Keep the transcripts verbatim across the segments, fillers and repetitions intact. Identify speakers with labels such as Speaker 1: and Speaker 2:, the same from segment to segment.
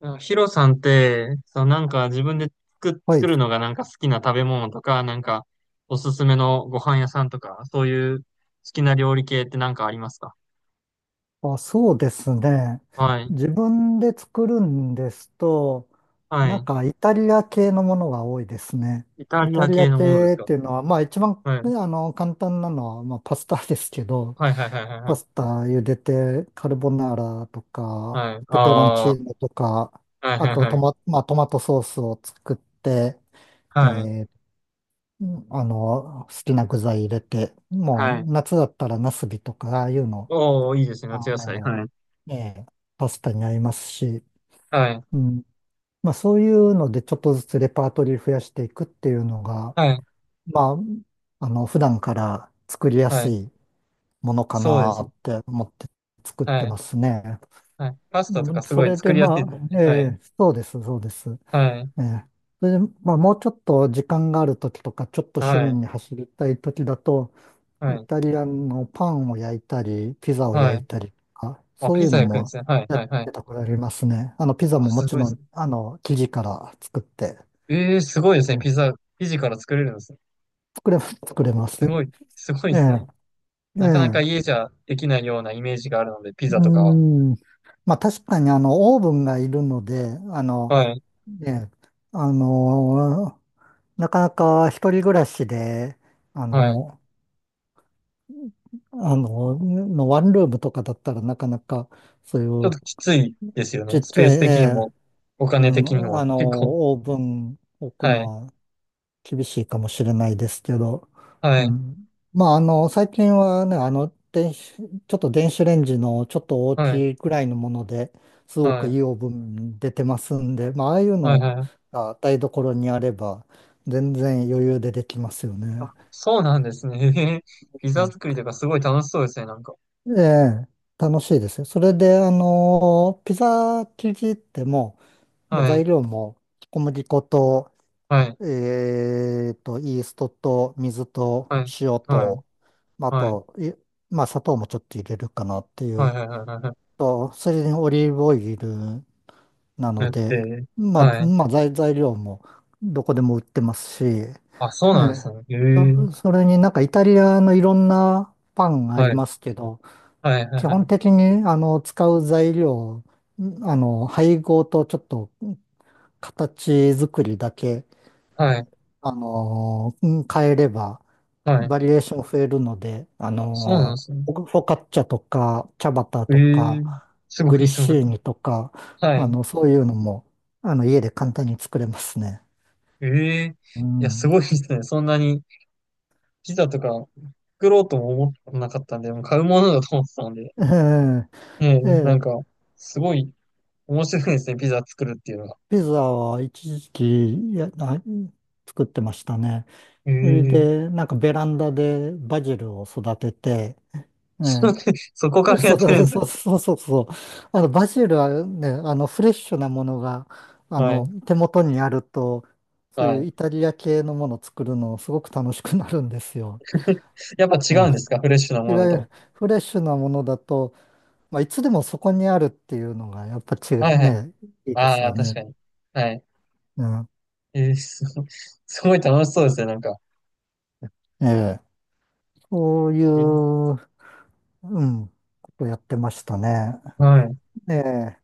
Speaker 1: なんかヒロさんって、そう、なんか自分で作、
Speaker 2: は
Speaker 1: 作
Speaker 2: い。
Speaker 1: るのがなんか好きな食べ物とか、なんかおすすめのご飯屋さんとか、そういう好きな料理系ってなんかありますか？
Speaker 2: あ、そうですね。
Speaker 1: はい。
Speaker 2: 自分で作るんですと、
Speaker 1: は
Speaker 2: なん
Speaker 1: い。
Speaker 2: かイタリア系のものが多いですね。
Speaker 1: イタ
Speaker 2: イ
Speaker 1: リ
Speaker 2: タ
Speaker 1: ア
Speaker 2: リ
Speaker 1: 系
Speaker 2: ア
Speaker 1: のものです
Speaker 2: 系っ
Speaker 1: か？
Speaker 2: ていうのは、まあ一番、
Speaker 1: はい。
Speaker 2: ねあの、簡単なのは、まあパスタですけど、
Speaker 1: はいはいはいはいは
Speaker 2: パ
Speaker 1: い。
Speaker 2: スタ茹でて、カルボナーラと
Speaker 1: は
Speaker 2: か、
Speaker 1: い。あ
Speaker 2: ペペロン
Speaker 1: あ、
Speaker 2: チ
Speaker 1: は
Speaker 2: ーノとか、
Speaker 1: いはい
Speaker 2: あとト
Speaker 1: はい。
Speaker 2: マ、まあ、トマトソースを作って、え
Speaker 1: はい。
Speaker 2: ーあの、好きな具材入れて、もう
Speaker 1: はい。
Speaker 2: 夏だったらナスビとか、ああいうの
Speaker 1: おー、いいですね。
Speaker 2: あ
Speaker 1: 夏野菜。
Speaker 2: の、
Speaker 1: はい。
Speaker 2: ええ、パスタに合りますし、
Speaker 1: はい。
Speaker 2: うん。まあそういうのでちょっとずつレパートリー増やしていくっていうのが、
Speaker 1: はい。
Speaker 2: まあ、あの、普段から作りや
Speaker 1: は
Speaker 2: す
Speaker 1: い。
Speaker 2: いものか
Speaker 1: そうで
Speaker 2: な
Speaker 1: すね。
Speaker 2: って思って作って
Speaker 1: はい。
Speaker 2: ますね。
Speaker 1: はい。パスタと
Speaker 2: う
Speaker 1: か
Speaker 2: ん。
Speaker 1: す
Speaker 2: そ
Speaker 1: ごい
Speaker 2: れ
Speaker 1: 作
Speaker 2: で
Speaker 1: りやす
Speaker 2: ま
Speaker 1: いと思う
Speaker 2: あ、え
Speaker 1: ね。はい。
Speaker 2: え、そうです、そうです。
Speaker 1: はい。
Speaker 2: ええ。それで、まあもうちょっと時間があるときとか、ちょっと趣
Speaker 1: は
Speaker 2: 味
Speaker 1: い。
Speaker 2: に走りたいときだと、
Speaker 1: は
Speaker 2: イ
Speaker 1: い。
Speaker 2: タリアンのパンを焼いたり、ピザを
Speaker 1: は
Speaker 2: 焼い
Speaker 1: い。
Speaker 2: たりとか、
Speaker 1: あ、
Speaker 2: そうい
Speaker 1: ピ
Speaker 2: う
Speaker 1: ザ
Speaker 2: の
Speaker 1: 焼くんで
Speaker 2: も
Speaker 1: すね。はい
Speaker 2: やっ
Speaker 1: はいはい。
Speaker 2: てたことありますね。あの、ピザ
Speaker 1: あ、
Speaker 2: もも
Speaker 1: すご
Speaker 2: ち
Speaker 1: いで
Speaker 2: ろ
Speaker 1: す
Speaker 2: ん、
Speaker 1: ね。
Speaker 2: あの、生地から作って、
Speaker 1: ええ、すごいですね。ピ
Speaker 2: ええ。
Speaker 1: ザ、生地から作れるんですね。
Speaker 2: 作れ、作れます。
Speaker 1: すごい、すごい
Speaker 2: え
Speaker 1: です
Speaker 2: え、
Speaker 1: ね。
Speaker 2: え
Speaker 1: なかなか
Speaker 2: え、
Speaker 1: 家じゃできないようなイメージがあるので、ピ
Speaker 2: う
Speaker 1: ザとかは。
Speaker 2: ーん。まあ確かにあの、オーブンがいるので、あの、
Speaker 1: はい、
Speaker 2: ええ、あの、なかなか一人暮らしで、あ
Speaker 1: はい。
Speaker 2: の、あの、のワンルームとかだったらなかなか、そうい
Speaker 1: ちょっ
Speaker 2: う
Speaker 1: ときついですよ
Speaker 2: ち
Speaker 1: ね。
Speaker 2: っ
Speaker 1: ス
Speaker 2: ち
Speaker 1: ペ
Speaker 2: ゃ
Speaker 1: ー
Speaker 2: い、
Speaker 1: ス
Speaker 2: え
Speaker 1: 的に
Speaker 2: え。
Speaker 1: も、お
Speaker 2: う
Speaker 1: 金的に
Speaker 2: ん、
Speaker 1: も、
Speaker 2: あ
Speaker 1: 結構。
Speaker 2: の、オーブン置く
Speaker 1: は
Speaker 2: の
Speaker 1: い、
Speaker 2: は厳しいかもしれないですけど、
Speaker 1: は
Speaker 2: う
Speaker 1: い、
Speaker 2: ん。まあ、あの、最近はね、あの、電子、ちょっと電子レンジのちょっと大
Speaker 1: はい、
Speaker 2: きいくらいのもので、すご
Speaker 1: は
Speaker 2: くい
Speaker 1: い、
Speaker 2: いオーブン出てますんで、まあ、ああいう
Speaker 1: はい、
Speaker 2: の
Speaker 1: はい。
Speaker 2: が台所にあれば全然余裕でできますよ
Speaker 1: あ、
Speaker 2: ね。
Speaker 1: そうなんですね。へへ。ピ
Speaker 2: う
Speaker 1: ザ
Speaker 2: ん。
Speaker 1: 作りとかすごい楽しそうですね、なんか。
Speaker 2: ええ、楽しいですよ。それで、あの、ピザ生地ってもう、もう
Speaker 1: はい、
Speaker 2: 材料も小麦粉と、
Speaker 1: はい、
Speaker 2: えーと、イーストと水と
Speaker 1: はい、
Speaker 2: 塩
Speaker 1: はい、
Speaker 2: と、まああ
Speaker 1: はい、
Speaker 2: と、いまあ、砂糖もちょっと入れるかなってい
Speaker 1: は
Speaker 2: う。
Speaker 1: い、はい、はい、はい。
Speaker 2: と、それにオリーブオイルな
Speaker 1: だ
Speaker 2: の
Speaker 1: っ
Speaker 2: で、
Speaker 1: て、
Speaker 2: ま
Speaker 1: は
Speaker 2: あ、
Speaker 1: い。
Speaker 2: まあ、材、材料もどこでも売ってますし、え
Speaker 1: あ、そうなんです
Speaker 2: え。
Speaker 1: ね。ええ。
Speaker 2: それになんかイタリアのいろんなパンがあり
Speaker 1: はい、
Speaker 2: ますけど、
Speaker 1: はい、はい、
Speaker 2: 基
Speaker 1: は
Speaker 2: 本
Speaker 1: い。
Speaker 2: 的にあの使う材料、あの配合とちょっと形作りだけ、
Speaker 1: はい
Speaker 2: あの変えれば
Speaker 1: はい。
Speaker 2: バリエーション増えるので、あ
Speaker 1: そうなんで
Speaker 2: のー
Speaker 1: すね。
Speaker 2: フォフォカッチャとか、チャバタ
Speaker 1: ええ
Speaker 2: と
Speaker 1: ー、
Speaker 2: か、
Speaker 1: すご
Speaker 2: グリッ
Speaker 1: いすごい。
Speaker 2: シーニとか、
Speaker 1: は
Speaker 2: あ
Speaker 1: い。
Speaker 2: の、そういうのも、あの、家で簡単に作れますね。
Speaker 1: ええー、
Speaker 2: う
Speaker 1: いや、す
Speaker 2: ん。
Speaker 1: ごいですね。そんなにピザとか作ろうとも思ってなかったんで、もう買うものだと思ってたので。
Speaker 2: え
Speaker 1: ええ、
Speaker 2: え、え
Speaker 1: な
Speaker 2: え、
Speaker 1: んか、すごい面白いですね。ピザ作るっていうのが。
Speaker 2: ピザは一時期、いや、な作ってましたね。
Speaker 1: え
Speaker 2: それ
Speaker 1: えー
Speaker 2: で、なんかベランダでバジルを育てて、ええ。
Speaker 1: そこからや
Speaker 2: そ
Speaker 1: っ
Speaker 2: う
Speaker 1: てるん
Speaker 2: そ
Speaker 1: で
Speaker 2: う、
Speaker 1: す
Speaker 2: そ
Speaker 1: ね。
Speaker 2: うそうそうそう。あの、バジルはね、あの、フレッシュなものが、あ
Speaker 1: は
Speaker 2: の、
Speaker 1: い。
Speaker 2: 手元にあると、そう
Speaker 1: は
Speaker 2: いう
Speaker 1: い。
Speaker 2: イタリア系のものを作るのすごく楽しくなるんですよ。
Speaker 1: やっぱ違
Speaker 2: うん。
Speaker 1: うんです
Speaker 2: い
Speaker 1: か？フレッシュなもの
Speaker 2: わ
Speaker 1: だ
Speaker 2: ゆ
Speaker 1: と。
Speaker 2: るフレッシュなものだと、まあ、いつでもそこにあるっていうのが、やっぱ違う
Speaker 1: はいはい。
Speaker 2: ね、いいです
Speaker 1: ああ、
Speaker 2: よ
Speaker 1: 確
Speaker 2: ね。
Speaker 1: かに。はい。
Speaker 2: うん。
Speaker 1: えーすごい、すごい楽しそうですね。なんか。
Speaker 2: ええ。そういう、
Speaker 1: え
Speaker 2: うん、ことやってましたね。
Speaker 1: はい。
Speaker 2: ええ。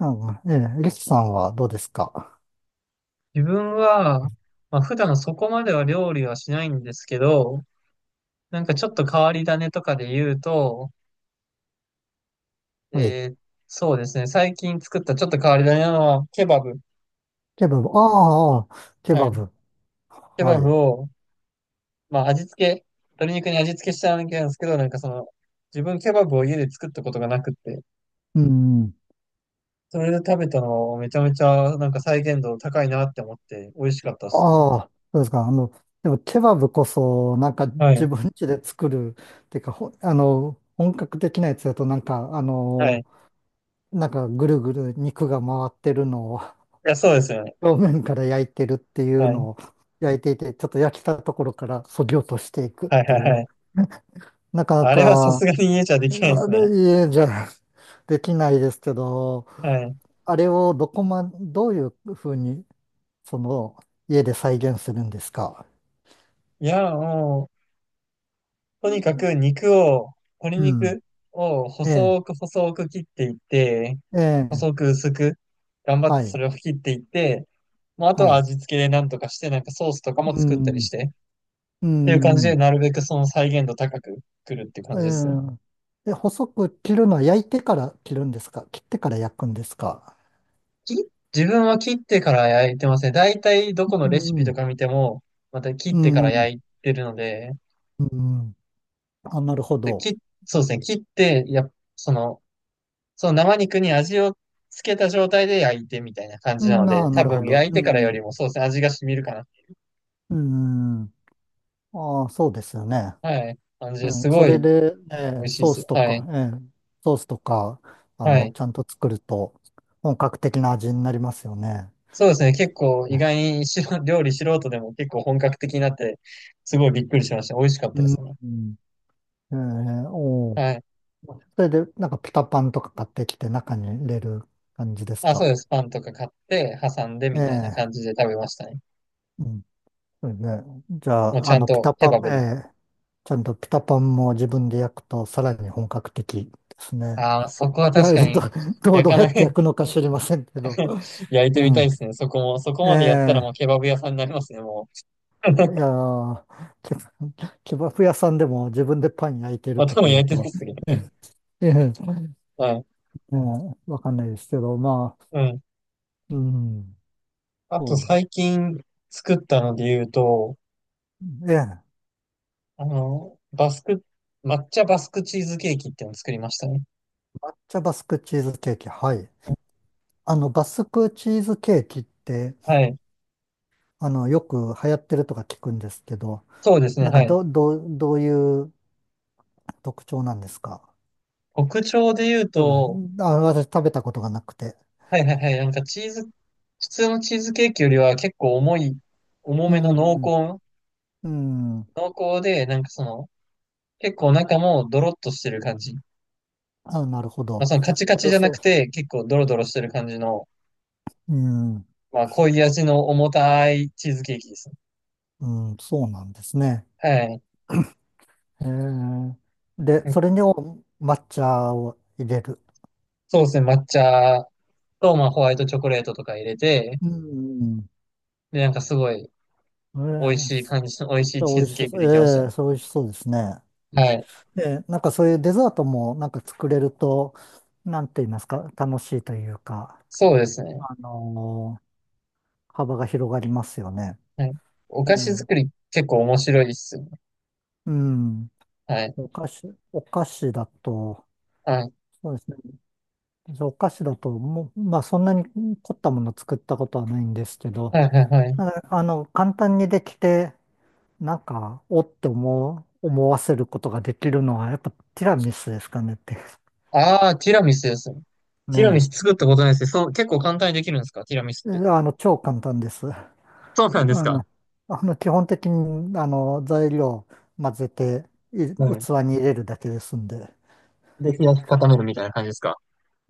Speaker 2: うん、ええ。リスさんはどうですか？
Speaker 1: 自分は、まあ、普段そこまでは料理はしないんですけど、なんかちょっと変わり種とかで言うと、
Speaker 2: はい。
Speaker 1: えーそうですね、最近作ったちょっと変わり種なのは、ケバブ。
Speaker 2: ケバブ。ああ、ああケ
Speaker 1: は
Speaker 2: バ
Speaker 1: い。
Speaker 2: ブ。
Speaker 1: ケバ
Speaker 2: は
Speaker 1: ブ
Speaker 2: い。
Speaker 1: を、まあ味付け、鶏肉に味付けしたわけなんですけど、なんかその、自分ケバブを家で作ったことがなくって、
Speaker 2: うん。
Speaker 1: それで食べたのをめちゃめちゃなんか再現度高いなって思って、美味しかったですね。
Speaker 2: ああ、そうですか。あの、でもケバブこそ、なんか
Speaker 1: は
Speaker 2: 自
Speaker 1: い。
Speaker 2: 分家で作る、っていうか、ほ、あの、本格的なやつだと、なんか、あ
Speaker 1: はい。
Speaker 2: の、
Speaker 1: い
Speaker 2: なんかぐるぐる肉が回ってるのを
Speaker 1: や、そうですよね。
Speaker 2: 表面から焼いてるっていう
Speaker 1: はい。
Speaker 2: のを焼いていて、ちょっと焼きたところから削ぎ落としていくっ
Speaker 1: はい
Speaker 2: て
Speaker 1: はい
Speaker 2: い
Speaker 1: は
Speaker 2: う、
Speaker 1: い。
Speaker 2: なかな
Speaker 1: あれはさす
Speaker 2: か、
Speaker 1: がに家じゃできないで
Speaker 2: あ
Speaker 1: すね。
Speaker 2: れ、家じゃできないですけど、
Speaker 1: はい。
Speaker 2: あれをどこま、どういうふうに、その、家で再現するんですか？
Speaker 1: いや、もう、とにかく
Speaker 2: う
Speaker 1: 肉を、鶏
Speaker 2: ん。
Speaker 1: 肉を
Speaker 2: ええ、
Speaker 1: 細く細く切っていって、
Speaker 2: ええ、
Speaker 1: 細く薄く、頑張っ
Speaker 2: は
Speaker 1: てそ
Speaker 2: い、
Speaker 1: れを切っていって、まあ、あと
Speaker 2: は
Speaker 1: は
Speaker 2: い。
Speaker 1: 味付けでなんとかして、なんかソースとかも
Speaker 2: う
Speaker 1: 作ったり
Speaker 2: ん、
Speaker 1: して、
Speaker 2: う
Speaker 1: っていう感じで、
Speaker 2: ん、
Speaker 1: なるべくその再現度高く作るっていう
Speaker 2: え
Speaker 1: 感じですね。
Speaker 2: え。で、細く切るのは焼いてから切るんですか、切ってから焼くんですか？
Speaker 1: き自分は切ってから焼いてますね。だいたいどこの
Speaker 2: う
Speaker 1: レシピと
Speaker 2: ん、
Speaker 1: か見ても、また切っ
Speaker 2: う
Speaker 1: てから
Speaker 2: ん、
Speaker 1: 焼いてるので、
Speaker 2: うん。あ、なるほ
Speaker 1: で、
Speaker 2: ど。
Speaker 1: 切、そうですね、切って、や、その、その生肉に味をつけた状態で焼いてみたいな感
Speaker 2: う
Speaker 1: じなの
Speaker 2: ん、
Speaker 1: で、
Speaker 2: あ、な
Speaker 1: 多
Speaker 2: るほ
Speaker 1: 分
Speaker 2: ど。
Speaker 1: 焼い
Speaker 2: う
Speaker 1: てからよ
Speaker 2: ん、
Speaker 1: りもそうですね、味が染みるか
Speaker 2: うん。ああ、そうですよね。
Speaker 1: な。はい。感じで
Speaker 2: う
Speaker 1: すす
Speaker 2: ん、
Speaker 1: ご
Speaker 2: そ
Speaker 1: い
Speaker 2: れで、え
Speaker 1: 美
Speaker 2: え、
Speaker 1: 味しいで
Speaker 2: ソー
Speaker 1: す
Speaker 2: ス
Speaker 1: よ。
Speaker 2: と
Speaker 1: は
Speaker 2: か、
Speaker 1: い。
Speaker 2: ええ、ソースとか、あ
Speaker 1: は
Speaker 2: の、
Speaker 1: い。
Speaker 2: ちゃんと作ると本格的な味になりますよね。
Speaker 1: そうですね、結構意
Speaker 2: ね。
Speaker 1: 外にしろ料理素人でも結構本格的になって、すごいびっくりしました。美味しかっ
Speaker 2: う
Speaker 1: たですね。
Speaker 2: ん。ええ、おお。
Speaker 1: はい。
Speaker 2: それで、なんかピタパンとか買ってきて中に入れる感じです
Speaker 1: あ、そう
Speaker 2: か。
Speaker 1: です。パンとか買って、挟んで
Speaker 2: え
Speaker 1: みたいな
Speaker 2: え、
Speaker 1: 感じで食べましたね。
Speaker 2: うん。それで、じゃ
Speaker 1: もうち
Speaker 2: あ、あ
Speaker 1: ゃん
Speaker 2: の、ピ
Speaker 1: と
Speaker 2: タ
Speaker 1: ケ
Speaker 2: パ
Speaker 1: バ
Speaker 2: ン、え
Speaker 1: ブで。
Speaker 2: え、ちゃんとピタパンも自分で焼くとさらに本格的ですね。
Speaker 1: ああ、そこは
Speaker 2: い
Speaker 1: 確
Speaker 2: や、
Speaker 1: か
Speaker 2: ど、
Speaker 1: に、
Speaker 2: どう、
Speaker 1: 焼
Speaker 2: どう
Speaker 1: か
Speaker 2: やっ
Speaker 1: ない
Speaker 2: て焼く のか知りませんけど。
Speaker 1: 焼いて
Speaker 2: う
Speaker 1: みたい
Speaker 2: ん。
Speaker 1: ですね。そこも、そこ
Speaker 2: え
Speaker 1: までやったら
Speaker 2: え、
Speaker 1: もうケバブ屋さんになりますね、もう。
Speaker 2: いやー、けケバフ屋さんでも自分でパン焼いてるか
Speaker 1: 頭も
Speaker 2: という
Speaker 1: 焼いてない
Speaker 2: と、
Speaker 1: ですけどね。
Speaker 2: ええ、
Speaker 1: はい。
Speaker 2: ええ、わかんないですけど、まあ、
Speaker 1: うん。
Speaker 2: うん、
Speaker 1: あ
Speaker 2: そ
Speaker 1: と
Speaker 2: うです。
Speaker 1: 最近作ったので言うと、
Speaker 2: ええ。
Speaker 1: あの、バスク、抹茶バスクチーズケーキっていうのを作りましたね。
Speaker 2: 抹茶バスクチーズケーキ。はい。あの、バスクチーズケーキって、
Speaker 1: はい。
Speaker 2: あの、よく流行ってるとか聞くんですけど、
Speaker 1: そうですね。
Speaker 2: なんか
Speaker 1: はい。
Speaker 2: ど、どう、どういう特徴なんですか？
Speaker 1: 特徴で言う
Speaker 2: 多
Speaker 1: と、
Speaker 2: 分、あ、私食べたことがなくて。
Speaker 1: はいはいはい。なんかチーズ、普通のチーズケーキよりは結構重い、重
Speaker 2: う
Speaker 1: めの濃
Speaker 2: ん、
Speaker 1: 厚、
Speaker 2: うん。
Speaker 1: 濃厚で、なんかその、結構中もドロッとしてる感じ。ま
Speaker 2: あ、なるほ
Speaker 1: あ
Speaker 2: ど。
Speaker 1: そのカチカチ
Speaker 2: そ
Speaker 1: じ
Speaker 2: う、
Speaker 1: ゃな
Speaker 2: そう、
Speaker 1: くて、結構ドロドロしてる感じの、
Speaker 2: うん、
Speaker 1: まあ濃い味の重たいチーズケーキですね。
Speaker 2: うん、そうなんですね。
Speaker 1: はい。
Speaker 2: へえ。で、それにお抹茶を入れる。
Speaker 1: そうですね、抹茶と、まあ、ホワイトチョコレートとか入れて、
Speaker 2: うん、
Speaker 1: で、なんかすごい
Speaker 2: え
Speaker 1: 美味
Speaker 2: え、
Speaker 1: しい感じの、美味しい
Speaker 2: それ
Speaker 1: チ
Speaker 2: 美
Speaker 1: ー
Speaker 2: 味
Speaker 1: ズ
Speaker 2: し
Speaker 1: ケーキ
Speaker 2: そう。
Speaker 1: できました
Speaker 2: え
Speaker 1: ね。
Speaker 2: え、それ美味しそうですね。
Speaker 1: はい。
Speaker 2: で、なんかそういうデザートもなんか作れると、なんて言いますか、楽しいというか、
Speaker 1: そうですね。
Speaker 2: あのー幅が広がりますよね。
Speaker 1: はい。お
Speaker 2: え
Speaker 1: 菓子
Speaker 2: え、
Speaker 1: 作り結構面白いですよね。
Speaker 2: うん。
Speaker 1: はい。
Speaker 2: お菓子、お菓子だと、
Speaker 1: はい。
Speaker 2: そうですね。お菓子だと、もう、まあそんなに凝ったもの作ったことはないんですけど、
Speaker 1: はい、はい、は
Speaker 2: な
Speaker 1: い。
Speaker 2: んかあの、簡単にできて、なんか、おって思う、思わせることができるのは、やっぱティラミスですかねって。
Speaker 1: ああ、ティラミスですね。ティラミス
Speaker 2: ね
Speaker 1: 作ったことないですね。そう、結構簡単にできるんですか？ティラミスっ
Speaker 2: え。
Speaker 1: て。
Speaker 2: え、あの、超簡単です。
Speaker 1: そうなんです
Speaker 2: あ
Speaker 1: か？
Speaker 2: の、あの基本的にあの材料混ぜてい
Speaker 1: はい。
Speaker 2: 器に入れるだけですんで。
Speaker 1: で、冷やし固めるみたいな感じですか？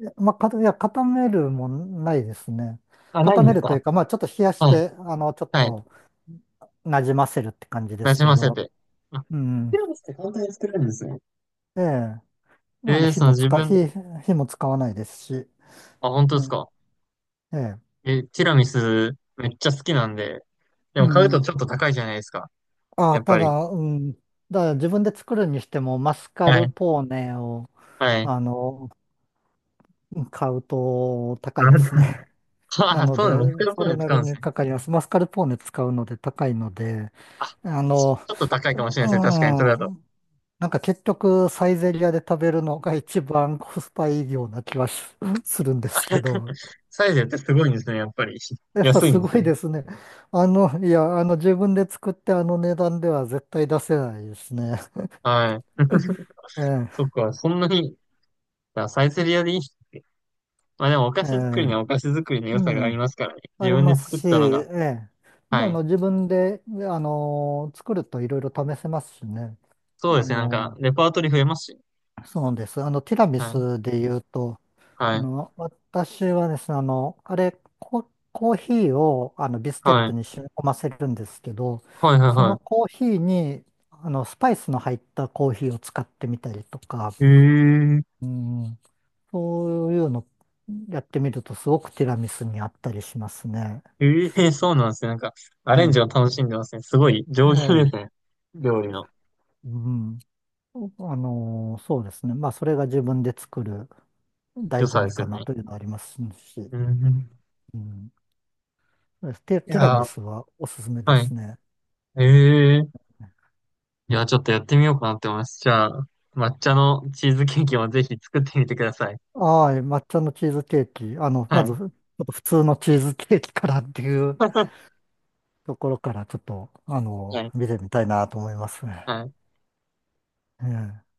Speaker 2: いやまあ、かいや、固めるもないですね。
Speaker 1: あ、ない
Speaker 2: 固
Speaker 1: ん
Speaker 2: め
Speaker 1: です
Speaker 2: るとい
Speaker 1: か？
Speaker 2: うか、まあ、ちょっと冷やし
Speaker 1: はい。
Speaker 2: て、あの、ちょっ
Speaker 1: はい。
Speaker 2: となじませるって感じで
Speaker 1: な
Speaker 2: す
Speaker 1: じ
Speaker 2: け
Speaker 1: ませ
Speaker 2: ど、
Speaker 1: て。あ、
Speaker 2: う
Speaker 1: テ
Speaker 2: ん。
Speaker 1: ィラミスって簡単に作れるんですね。
Speaker 2: ええ、あ
Speaker 1: え
Speaker 2: の、
Speaker 1: えー、
Speaker 2: 火
Speaker 1: その
Speaker 2: も
Speaker 1: 自
Speaker 2: 使、
Speaker 1: 分、
Speaker 2: 火、火も使わないですし、
Speaker 1: あ、本当
Speaker 2: え
Speaker 1: ですか？
Speaker 2: え、ええ。
Speaker 1: え、ティラミスめっちゃ好きなんで、で
Speaker 2: う
Speaker 1: も買うと
Speaker 2: ん。
Speaker 1: ちょっと高いじゃないですか。
Speaker 2: あ
Speaker 1: や
Speaker 2: あ、
Speaker 1: っ
Speaker 2: た
Speaker 1: ぱり。
Speaker 2: だ、うん。だから自分で作るにしても、マスカ
Speaker 1: は
Speaker 2: ル
Speaker 1: い。
Speaker 2: ポーネを、
Speaker 1: はい。
Speaker 2: あの、買うと高いです
Speaker 1: あ
Speaker 2: ね。な
Speaker 1: あ、
Speaker 2: の
Speaker 1: そ
Speaker 2: で、
Speaker 1: うなの、モスクワポ
Speaker 2: そ
Speaker 1: ン
Speaker 2: れ
Speaker 1: で
Speaker 2: な
Speaker 1: 使う
Speaker 2: り
Speaker 1: んです
Speaker 2: に
Speaker 1: ね。
Speaker 2: かかります。マスカルポーネ使うので高いので、
Speaker 1: あ、
Speaker 2: あ
Speaker 1: ち
Speaker 2: の、
Speaker 1: ょっと高い
Speaker 2: う
Speaker 1: かもしれないですね。確かに、それだと。
Speaker 2: ん、なんか結局サイゼリアで食べるのが一番コスパいいような気はし するんで
Speaker 1: あ
Speaker 2: すけ ど、
Speaker 1: サイゼってすごいんですね、やっぱり。
Speaker 2: やっぱ
Speaker 1: 安いん
Speaker 2: す
Speaker 1: で
Speaker 2: ご
Speaker 1: すね。
Speaker 2: いですね。あの、いや、あの自分で作ってあの値段では絶対出せないですね。
Speaker 1: はい。そ
Speaker 2: え
Speaker 1: っか、そんなに、あ、サイゼリアでいいっすね。まあでもお菓
Speaker 2: え、え
Speaker 1: 子作りに
Speaker 2: え、
Speaker 1: はお菓子作りの良さがあ
Speaker 2: う
Speaker 1: り
Speaker 2: ん、
Speaker 1: ますからね。
Speaker 2: あ
Speaker 1: 自
Speaker 2: り
Speaker 1: 分で
Speaker 2: ます
Speaker 1: 作っ
Speaker 2: し、
Speaker 1: たのが。
Speaker 2: ええ、あ
Speaker 1: はい。
Speaker 2: の自分で、あの、作るといろいろ試せますしね。
Speaker 1: そうで
Speaker 2: あ
Speaker 1: すね、なんか、
Speaker 2: の
Speaker 1: レパートリー増えますし。
Speaker 2: そうです。あの、ティラミ
Speaker 1: はい。
Speaker 2: スで言うと、
Speaker 1: は
Speaker 2: あ
Speaker 1: い。
Speaker 2: の、私はですね、あの、あれ、コ、コーヒーをあのビスケッ
Speaker 1: は
Speaker 2: ト
Speaker 1: い。
Speaker 2: に染み込ませるんですけど、
Speaker 1: はい、はい、
Speaker 2: その
Speaker 1: は
Speaker 2: コーヒーに、あの、スパイスの入ったコーヒーを使ってみたりとか、
Speaker 1: い。へえ、
Speaker 2: うん、そういうのやってみると、すごくティラミスにあったりしますね。
Speaker 1: ええ、そうなんですね。なんか、ア
Speaker 2: え
Speaker 1: レンジ
Speaker 2: え、
Speaker 1: を楽しんでますね。すごい
Speaker 2: え
Speaker 1: 上級で
Speaker 2: え、
Speaker 1: すね。料理の
Speaker 2: うん。あの、そうですね。まあ、それが自分で作る
Speaker 1: 良
Speaker 2: 醍醐
Speaker 1: さで
Speaker 2: 味
Speaker 1: す
Speaker 2: か
Speaker 1: よね。
Speaker 2: なというのはありますし、
Speaker 1: うん。
Speaker 2: うん。テ、
Speaker 1: い
Speaker 2: ティラ
Speaker 1: や
Speaker 2: ミ
Speaker 1: ー、
Speaker 2: スはおすすめで
Speaker 1: はい。
Speaker 2: すね。
Speaker 1: ええ、いや、ちょっとやってみようかなって思います。じゃあ、抹茶のチーズケーキもぜひ作ってみてください。
Speaker 2: はい、抹茶のチーズケーキ。あの、ま
Speaker 1: は
Speaker 2: ず、ち
Speaker 1: い。
Speaker 2: ょっと普通のチーズケーキからっていう ところから、ちょっと、あ
Speaker 1: は
Speaker 2: の、
Speaker 1: い。
Speaker 2: 見てみたいなと思いますね。
Speaker 1: はい。
Speaker 2: ええ